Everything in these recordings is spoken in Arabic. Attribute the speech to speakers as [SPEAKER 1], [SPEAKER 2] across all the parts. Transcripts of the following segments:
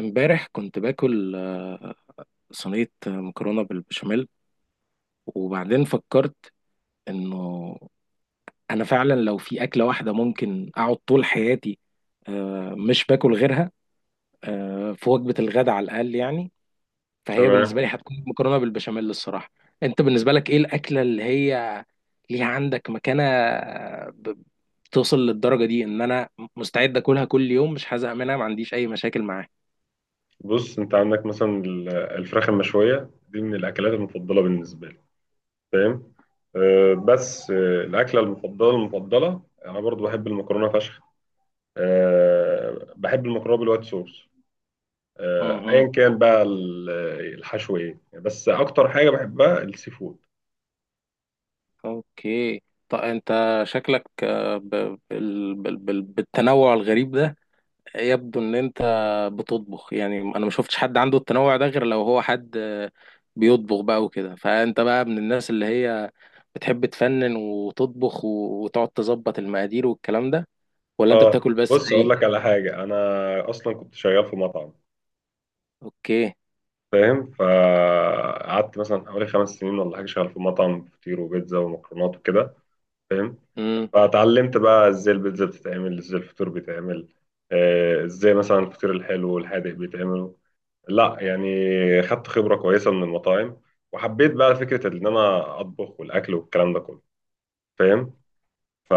[SPEAKER 1] امبارح كنت باكل صينية مكرونة بالبشاميل، وبعدين فكرت انه انا فعلا لو في اكلة واحدة ممكن اقعد طول حياتي مش باكل غيرها في وجبة الغداء على الاقل يعني، فهي
[SPEAKER 2] تمام.
[SPEAKER 1] بالنسبة لي هتكون مكرونة بالبشاميل الصراحة. انت بالنسبة لك ايه الاكلة اللي هي ليها عندك مكانة، ب- بتوصل للدرجة دي ان انا مستعد اكلها كل يوم، مش هزهق منها، ما عنديش اي مشاكل
[SPEAKER 2] بص، انت عندك مثلا الفراخ المشويه دي من الاكلات المفضله بالنسبه لي، فاهم؟ أه، بس أه، الاكله المفضله المفضله انا برضو بحب المكرونه فشخ. أه، بحب المكرونه بالوايت صوص. أه،
[SPEAKER 1] معاها؟
[SPEAKER 2] ايا كان بقى الحشو ايه، بس اكتر حاجه بحبها السي فود.
[SPEAKER 1] اوكي. طب انت شكلك آه، ب... بال... بال... بال... بالتنوع الغريب ده يبدو ان انت بتطبخ. يعني انا ما شفتش حد عنده التنوع ده غير لو هو حد بيطبخ بقى وكده. فانت بقى من الناس اللي هي بتحب تفنن وتطبخ وتقعد تظبط المقادير والكلام ده، ولا انت
[SPEAKER 2] اه،
[SPEAKER 1] بتاكل بس
[SPEAKER 2] بص
[SPEAKER 1] زي
[SPEAKER 2] اقول لك
[SPEAKER 1] إيه؟
[SPEAKER 2] على حاجه، انا اصلا كنت شغال في مطعم،
[SPEAKER 1] اوكي.
[SPEAKER 2] فاهم؟ فقعدت مثلا حوالي 5 سنين ولا حاجه شغال في مطعم فطير وبيتزا ومكرونات وكده، فاهم؟
[SPEAKER 1] امم
[SPEAKER 2] فتعلمت بقى ازاي البيتزا بتتعمل، ازاي الفطور بيتعمل، ازاي مثلا الفطير الحلو والحادق بيتعملوا. لا يعني، خدت خبرة كويسة من المطاعم وحبيت بقى فكرة ان انا اطبخ والاكل والكلام ده كله، فاهم؟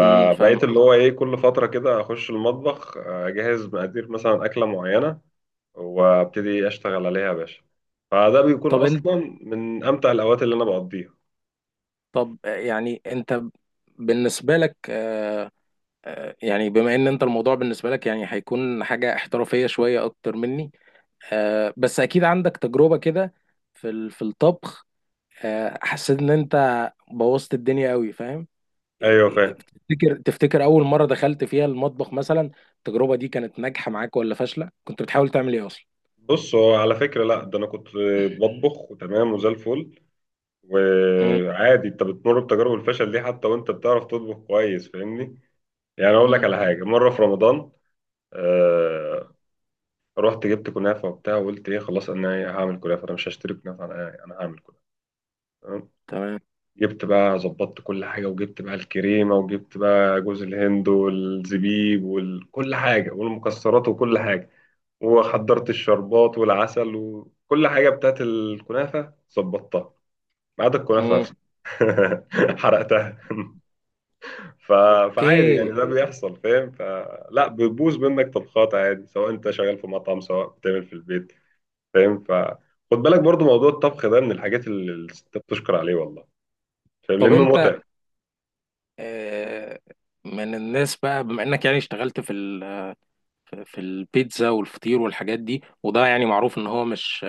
[SPEAKER 1] فاهم
[SPEAKER 2] اللي
[SPEAKER 1] قصدي.
[SPEAKER 2] هو ايه، كل فترة كده اخش المطبخ، اجهز مقادير مثلا اكلة معينة وابتدي اشتغل عليها يا باشا. فده بيكون
[SPEAKER 1] طب انت.
[SPEAKER 2] اصلا من امتع الاوقات اللي انا بقضيها.
[SPEAKER 1] طب آه، يعني انت بالنسبة لك، يعني بما ان انت الموضوع بالنسبه لك يعني هيكون حاجه احترافيه شويه اكتر مني، بس اكيد عندك تجربه كده في في الطبخ. حسيت ان انت بوظت الدنيا قوي فاهم. إيه-
[SPEAKER 2] ايوه، فاهم.
[SPEAKER 1] تفتكر اول مره دخلت فيها المطبخ مثلا التجربه دي كانت ناجحه معاك ولا فاشله؟ كنت بتحاول تعمل ايه اصلا؟
[SPEAKER 2] بص، هو على فكرة لا، ده أنا كنت بطبخ وتمام وزي الفل.
[SPEAKER 1] مم.
[SPEAKER 2] وعادي أنت بتمر بتجارب الفشل دي، حتى وأنت بتعرف تطبخ كويس، فاهمني؟ يعني أقول لك
[SPEAKER 1] مم.
[SPEAKER 2] على حاجة، مرة في رمضان، آه رحت جبت كنافة وبتاع، وقلت إيه خلاص، أنا إيه هعمل كنافة، أنا مش هشتري كنافة، أنا إيه، أنا هعمل كنافة. تمام؟
[SPEAKER 1] تمام.
[SPEAKER 2] جبت بقى، ظبطت كل حاجة، وجبت بقى الكريمة، وجبت بقى جوز الهند والزبيب وكل حاجة والمكسرات وكل حاجة، وحضرت الشربات والعسل وكل حاجة بتاعت الكنافة، ظبطتها ما عدا الكنافة
[SPEAKER 1] مم.
[SPEAKER 2] نفسها. حرقتها. ف...
[SPEAKER 1] اوكي.
[SPEAKER 2] فعادي يعني، ده بيحصل، فاهم؟ فلا، بتبوظ منك طبخات عادي، سواء انت شغال في مطعم سواء بتعمل في البيت، فاهم؟ فخد بالك برضو، موضوع الطبخ ده من الحاجات اللي الستات بتشكر عليه والله، فاهم؟
[SPEAKER 1] طب
[SPEAKER 2] لأنه
[SPEAKER 1] انت
[SPEAKER 2] متعب.
[SPEAKER 1] آه، من الناس بقى، بما انك يعني اشتغلت في ال في البيتزا والفطير والحاجات دي، وده يعني معروف ان هو مش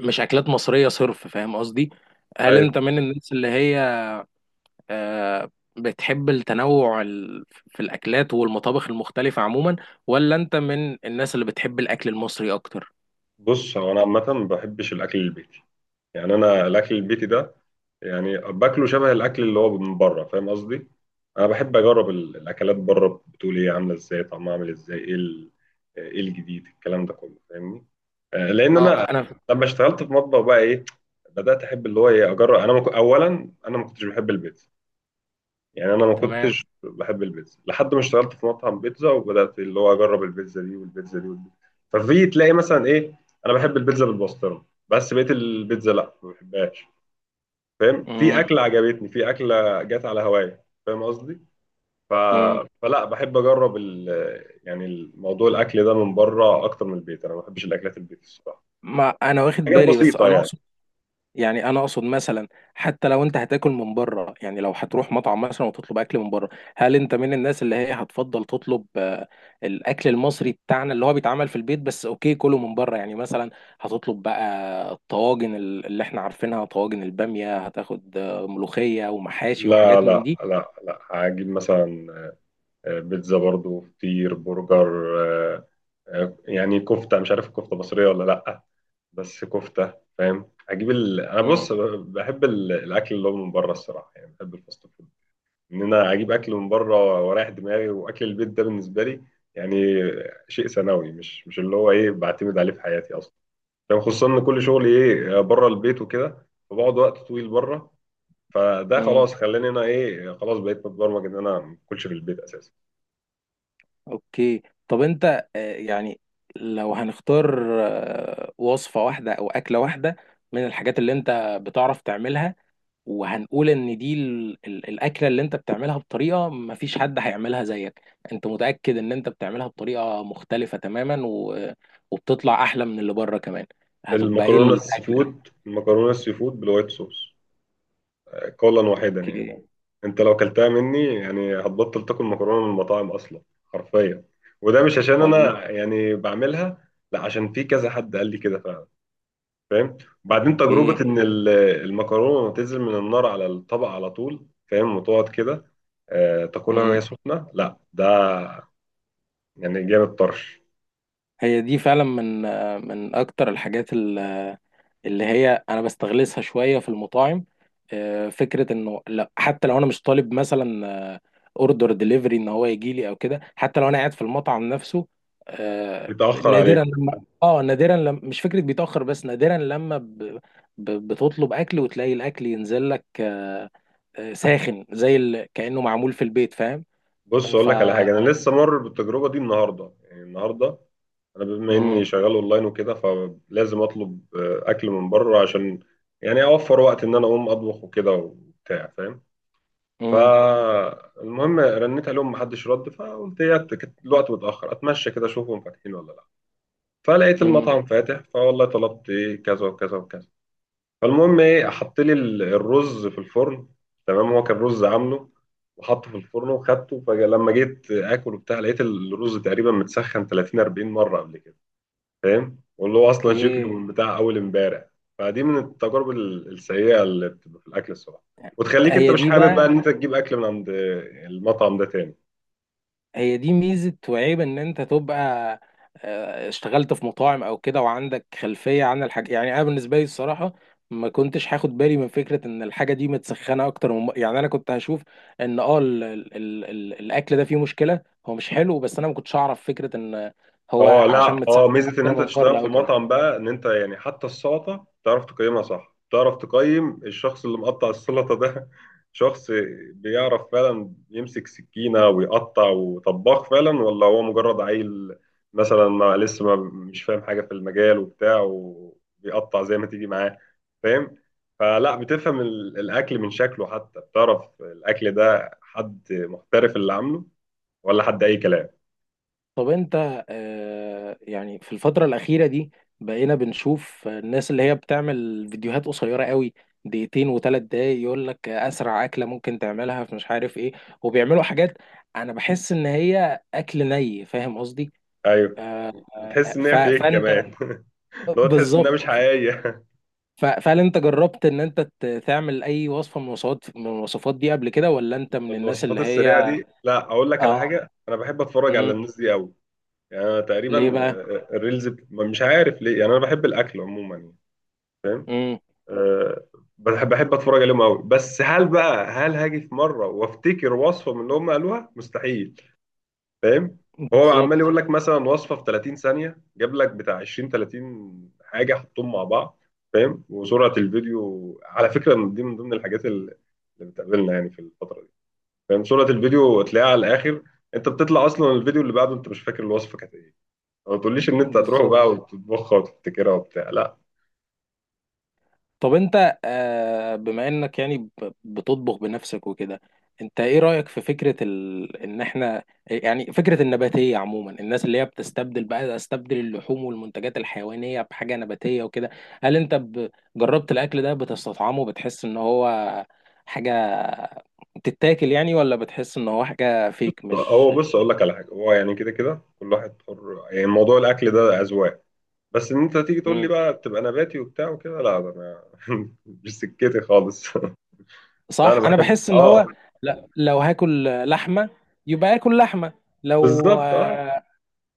[SPEAKER 1] مش اكلات مصرية صرف، فاهم قصدي؟ هل
[SPEAKER 2] أيوة.
[SPEAKER 1] انت من الناس اللي هي آه، بتحب التنوع في الاكلات والمطابخ المختلفة عموما، ولا انت من الناس اللي بتحب الاكل المصري اكتر؟
[SPEAKER 2] بص، هو أنا عامة ما بحبش الأكل البيتي، يعني أنا الأكل البيتي ده يعني باكله شبه الاكل اللي هو من بره، فاهم قصدي؟ انا بحب اجرب الاكلات بره، بتقول ايه، عامله ازاي، طعمها عامل ازاي، ايه ايه الجديد، الكلام ده كله، فاهمني؟ لان
[SPEAKER 1] اه
[SPEAKER 2] انا
[SPEAKER 1] انا.
[SPEAKER 2] لما اشتغلت في مطبخ بقى ايه، بدات احب اللي هو ايه، اجرب انا اولا انا ما كنتش بحب البيتزا. يعني انا ما
[SPEAKER 1] تمام.
[SPEAKER 2] كنتش بحب البيتزا لحد ما اشتغلت في مطعم بيتزا، وبدات اللي هو اجرب البيتزا دي والبيتزا دي والبيتزا. ففي تلاقي مثلا ايه، انا بحب البيتزا بالبسطرمه، بس بقيت البيتزا لا، ما بحبهاش، فاهم؟ في
[SPEAKER 1] مم.
[SPEAKER 2] اكله عجبتني، في اكله جت على هوايا، فاهم قصدي؟ ف...
[SPEAKER 1] مم.
[SPEAKER 2] فلا بحب اجرب يعني الموضوع الاكل ده من بره اكتر من البيت، انا ما بحبش الاكلات البيت الصراحه،
[SPEAKER 1] ما انا واخد
[SPEAKER 2] حاجات
[SPEAKER 1] بالي، بس
[SPEAKER 2] بسيطه
[SPEAKER 1] انا
[SPEAKER 2] يعني.
[SPEAKER 1] اقصد، يعني انا اقصد مثلا حتى لو انت هتاكل من بره، يعني لو هتروح مطعم مثلا وتطلب اكل من بره، هل انت من الناس اللي هي هتفضل تطلب الاكل المصري بتاعنا اللي هو بيتعمل في البيت، بس اوكي كله من بره، يعني مثلا هتطلب بقى الطواجن اللي احنا عارفينها، طواجن البامية، هتاخد ملوخية ومحاشي
[SPEAKER 2] لا
[SPEAKER 1] وحاجات من
[SPEAKER 2] لا
[SPEAKER 1] دي؟
[SPEAKER 2] لا لا، هجيب مثلا بيتزا برضو، فطير، برجر، آه، يعني كفته، مش عارف الكفته مصريه ولا لا، بس كفته، فاهم؟ هجيب انا بص،
[SPEAKER 1] مم.
[SPEAKER 2] بحب الاكل اللي هو من بره الصراحه، يعني بحب الفاست فود، ان انا اجيب اكل من بره واريح دماغي. واكل البيت ده بالنسبه لي يعني شيء ثانوي، مش اللي هو ايه بعتمد عليه في حياتي اصلا. يعني خصوصا ان كل شغلي ايه بره البيت وكده، فبقعد وقت طويل بره. فده
[SPEAKER 1] مم.
[SPEAKER 2] خلاص، خلاني انا ايه، خلاص بقيت متبرمج ان انا ما اكلش في البيت اساسا.
[SPEAKER 1] اوكي. طب انت يعني لو هنختار وصفة واحدة او اكلة واحدة من الحاجات اللي انت بتعرف تعملها، وهنقول ان دي الاكله اللي انت بتعملها بطريقه ما فيش حد هيعملها زيك، انت متاكد ان انت بتعملها بطريقه مختلفه تماما وبتطلع احلى من اللي بره كمان، هتبقى ايه
[SPEAKER 2] المكرونه السي
[SPEAKER 1] الاكله دي؟
[SPEAKER 2] فود، المكرونه السي فود بالوايت صوص، قولا واحدا يعني.
[SPEAKER 1] اوكي.
[SPEAKER 2] انت لو كلتها مني يعني، هتبطل تاكل مكرونه من المطاعم اصلا، حرفيا. وده مش عشان
[SPEAKER 1] والله.
[SPEAKER 2] انا يعني بعملها، لا، عشان في كذا حد قال لي كده فعلا، فاهم؟ وبعدين،
[SPEAKER 1] اوكي.
[SPEAKER 2] تجربه ان المكرونه تنزل من النار على الطبق على طول، فاهم؟ وتقعد كده تاكلها وهي
[SPEAKER 1] مم.
[SPEAKER 2] سخنه، لا ده يعني جامد طرش.
[SPEAKER 1] هي دي فعلا من اكتر الحاجات اللي هي انا بستغلسها شويه في المطاعم، فكره انه لا حتى لو انا مش طالب مثلا اوردر ديليفري ان هو يجي لي او كده، حتى لو انا قاعد في المطعم نفسه،
[SPEAKER 2] بيتاخر عليكم.
[SPEAKER 1] نادرا لما مش فكره بيتاخر، بس نادرا لما بتطلب اكل وتلاقي الاكل ينزل لك ساخن زي كانه معمول في البيت فاهم.
[SPEAKER 2] بص
[SPEAKER 1] آه،
[SPEAKER 2] اقول
[SPEAKER 1] ف
[SPEAKER 2] لك على حاجه، انا لسه مر بالتجربه دي النهارده، يعني النهارده انا بما
[SPEAKER 1] مم.
[SPEAKER 2] اني شغال اونلاين وكده، فلازم اطلب اكل من بره، عشان يعني اوفر وقت ان انا اقوم اطبخ وكده وبتاع، فاهم؟
[SPEAKER 1] مم.
[SPEAKER 2] فالمهم، رنيت عليهم محدش رد، فقلت الوقت متاخر، اتمشى كده اشوفهم فاتحين ولا لا. فلقيت
[SPEAKER 1] مم.
[SPEAKER 2] المطعم فاتح، فوالله طلبت ايه كذا وكذا وكذا. فالمهم ايه، حط لي الرز في الفرن. تمام؟ هو كان رز عامله وحطه في الفرن وخدته، فلما جيت اكل وبتاع، لقيت الرز تقريبا متسخن 30 40 مره قبل كده، فاهم؟ واللي هو اصلا شكله
[SPEAKER 1] اوكي.
[SPEAKER 2] من بتاع اول امبارح. فدي من التجارب السيئه اللي بتبقى في الاكل الصراحه، وتخليك انت
[SPEAKER 1] هي
[SPEAKER 2] مش
[SPEAKER 1] دي
[SPEAKER 2] حابب بقى ان
[SPEAKER 1] بقى،
[SPEAKER 2] انت تجيب اكل من عند المطعم ده تاني.
[SPEAKER 1] هي دي ميزة وعيب ان انت تبقى اشتغلت في مطاعم او كده وعندك خلفية عن الحاجة. يعني انا بالنسبة لي الصراحة ما كنتش هاخد بالي من فكرة ان الحاجة دي متسخنة اكتر، من يعني انا كنت هشوف ان الاكل ده فيه مشكلة، هو مش حلو، بس انا ما كنتش اعرف فكرة ان هو
[SPEAKER 2] اه
[SPEAKER 1] عشان
[SPEAKER 2] لا، اه،
[SPEAKER 1] متسخن
[SPEAKER 2] ميزه ان
[SPEAKER 1] اكتر
[SPEAKER 2] انت
[SPEAKER 1] من
[SPEAKER 2] تشتغل
[SPEAKER 1] بره
[SPEAKER 2] في
[SPEAKER 1] او كده.
[SPEAKER 2] مطعم بقى، ان انت يعني حتى السلطه تعرف تقيمها صح، تعرف تقيم الشخص اللي مقطع السلطه ده. شخص بيعرف فعلا يمسك سكينه ويقطع، وطباخ فعلا، ولا هو مجرد عيل مثلا ما لسه، ما مش فاهم حاجه في المجال وبتاع، وبيقطع زي ما تيجي معاه، فاهم؟ فلا، بتفهم الاكل من شكله، حتى بتعرف الاكل ده حد محترف اللي عامله ولا حد اي كلام.
[SPEAKER 1] طب انت يعني في الفترة الأخيرة دي بقينا بنشوف الناس اللي هي بتعمل فيديوهات قصيرة قوي، دقيقتين وثلاث دقايق، يقول لك أسرع أكلة ممكن تعملها في مش عارف إيه، وبيعملوا حاجات أنا بحس إن هي أكل ني، فاهم قصدي؟
[SPEAKER 2] ايوه.
[SPEAKER 1] آه،
[SPEAKER 2] بتحس ان هي فيك
[SPEAKER 1] فأنت
[SPEAKER 2] كمان. اللي هو تحس انها
[SPEAKER 1] بالظبط.
[SPEAKER 2] مش حقيقيه.
[SPEAKER 1] فهل أنت جربت إن أنت تعمل أي وصفة من الوصفات دي قبل كده، ولا أنت من الناس
[SPEAKER 2] الوصفات
[SPEAKER 1] اللي
[SPEAKER 2] السريعه
[SPEAKER 1] هي
[SPEAKER 2] دي، لا، اقول لك على
[SPEAKER 1] آه
[SPEAKER 2] حاجه، انا بحب اتفرج على
[SPEAKER 1] مم.
[SPEAKER 2] الناس دي قوي. يعني انا تقريبا
[SPEAKER 1] ليه بقى؟
[SPEAKER 2] الريلز مش عارف ليه، يعني انا بحب الاكل عموما يعني،
[SPEAKER 1] مم.
[SPEAKER 2] آه، بحب اتفرج عليهم قوي. بس هل بقى هاجي في مره وافتكر وصفه من اللي هم قالوها؟ مستحيل، فاهم؟ هو عمال
[SPEAKER 1] بالظبط.
[SPEAKER 2] يقول لك مثلا وصفه في 30 ثانيه، جاب لك بتاع 20 30 حاجه حطهم مع بعض، فاهم؟ وسرعه الفيديو على فكره دي من ضمن الحاجات اللي بتقابلنا يعني في الفتره دي، فاهم؟ صورة الفيديو تلاقيها على الآخر، أنت بتطلع أصلا الفيديو اللي بعده أنت مش فاكر الوصفة كانت إيه، ما تقوليش إن أنت هتروح
[SPEAKER 1] بالظبط.
[SPEAKER 2] بقى وتطبخها وتفتكرها وبتاع، لا.
[SPEAKER 1] طب انت بما انك يعني بتطبخ بنفسك وكده، انت ايه رأيك في فكرة ان احنا، يعني فكرة النباتية عموما، الناس اللي هي بتستبدل بقى، استبدل اللحوم والمنتجات الحيوانية بحاجة نباتية وكده، هل انت جربت الاكل ده؟ بتستطعمه؟ بتحس ان هو حاجة بتتاكل يعني، ولا بتحس ان هو حاجة فيك مش.
[SPEAKER 2] هو بص، أقول لك على حاجة، هو يعني كده كده كل واحد حر، يعني موضوع الأكل ده أذواق. بس إن أنت تيجي تقول لي
[SPEAKER 1] مم.
[SPEAKER 2] بقى تبقى نباتي وبتاع وكده، لا، ده أنا مش سكتي خالص. لا، أنا
[SPEAKER 1] صح. انا
[SPEAKER 2] بحب،
[SPEAKER 1] بحس ان
[SPEAKER 2] آه.
[SPEAKER 1] هو، لا لو هاكل لحمة يبقى اكل لحمة، لو
[SPEAKER 2] بالظبط، آه.
[SPEAKER 1] آه،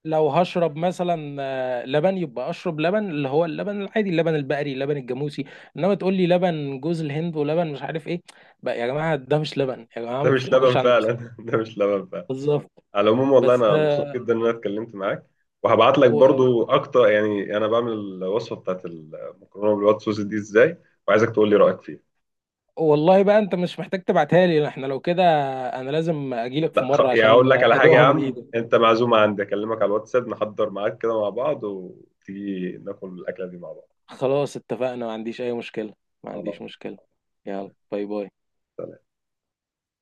[SPEAKER 1] لو هشرب مثلا لبن، يبقى اشرب لبن اللي هو اللبن العادي، اللبن البقري، اللبن الجاموسي، انما تقول لي لبن جوز الهند ولبن مش عارف ايه، بقى يا جماعه ده مش لبن يا جماعه،
[SPEAKER 2] ده
[SPEAKER 1] ما
[SPEAKER 2] مش
[SPEAKER 1] تضحكوش
[SPEAKER 2] لبن
[SPEAKER 1] على
[SPEAKER 2] فعلا.
[SPEAKER 1] نفسكم.
[SPEAKER 2] ده مش لبن فعلا.
[SPEAKER 1] بالظبط.
[SPEAKER 2] على العموم، والله
[SPEAKER 1] بس
[SPEAKER 2] انا مبسوط جدا ان انا اتكلمت معاك، وهبعت لك
[SPEAKER 1] و-
[SPEAKER 2] برضو اكتر، يعني انا بعمل الوصفه بتاعت المكرونه بالوايت صوص دي ازاي، وعايزك تقول لي رايك فيها.
[SPEAKER 1] والله بقى انت مش محتاج تبعتها لي، احنا لو كده انا لازم اجيلك في
[SPEAKER 2] لا،
[SPEAKER 1] مره
[SPEAKER 2] يعني
[SPEAKER 1] عشان
[SPEAKER 2] اقول لك
[SPEAKER 1] كده
[SPEAKER 2] على حاجه
[SPEAKER 1] ادوقها
[SPEAKER 2] يا
[SPEAKER 1] والله من
[SPEAKER 2] عم،
[SPEAKER 1] ايدك.
[SPEAKER 2] انت معزومه عندي، اكلمك على الواتساب، نحضر معاك كده مع بعض، وتيجي ناكل الاكله دي مع بعض.
[SPEAKER 1] خلاص اتفقنا، ما عنديش اي مشكله، ما
[SPEAKER 2] خلاص.
[SPEAKER 1] عنديش مشكله. يلا، باي باي.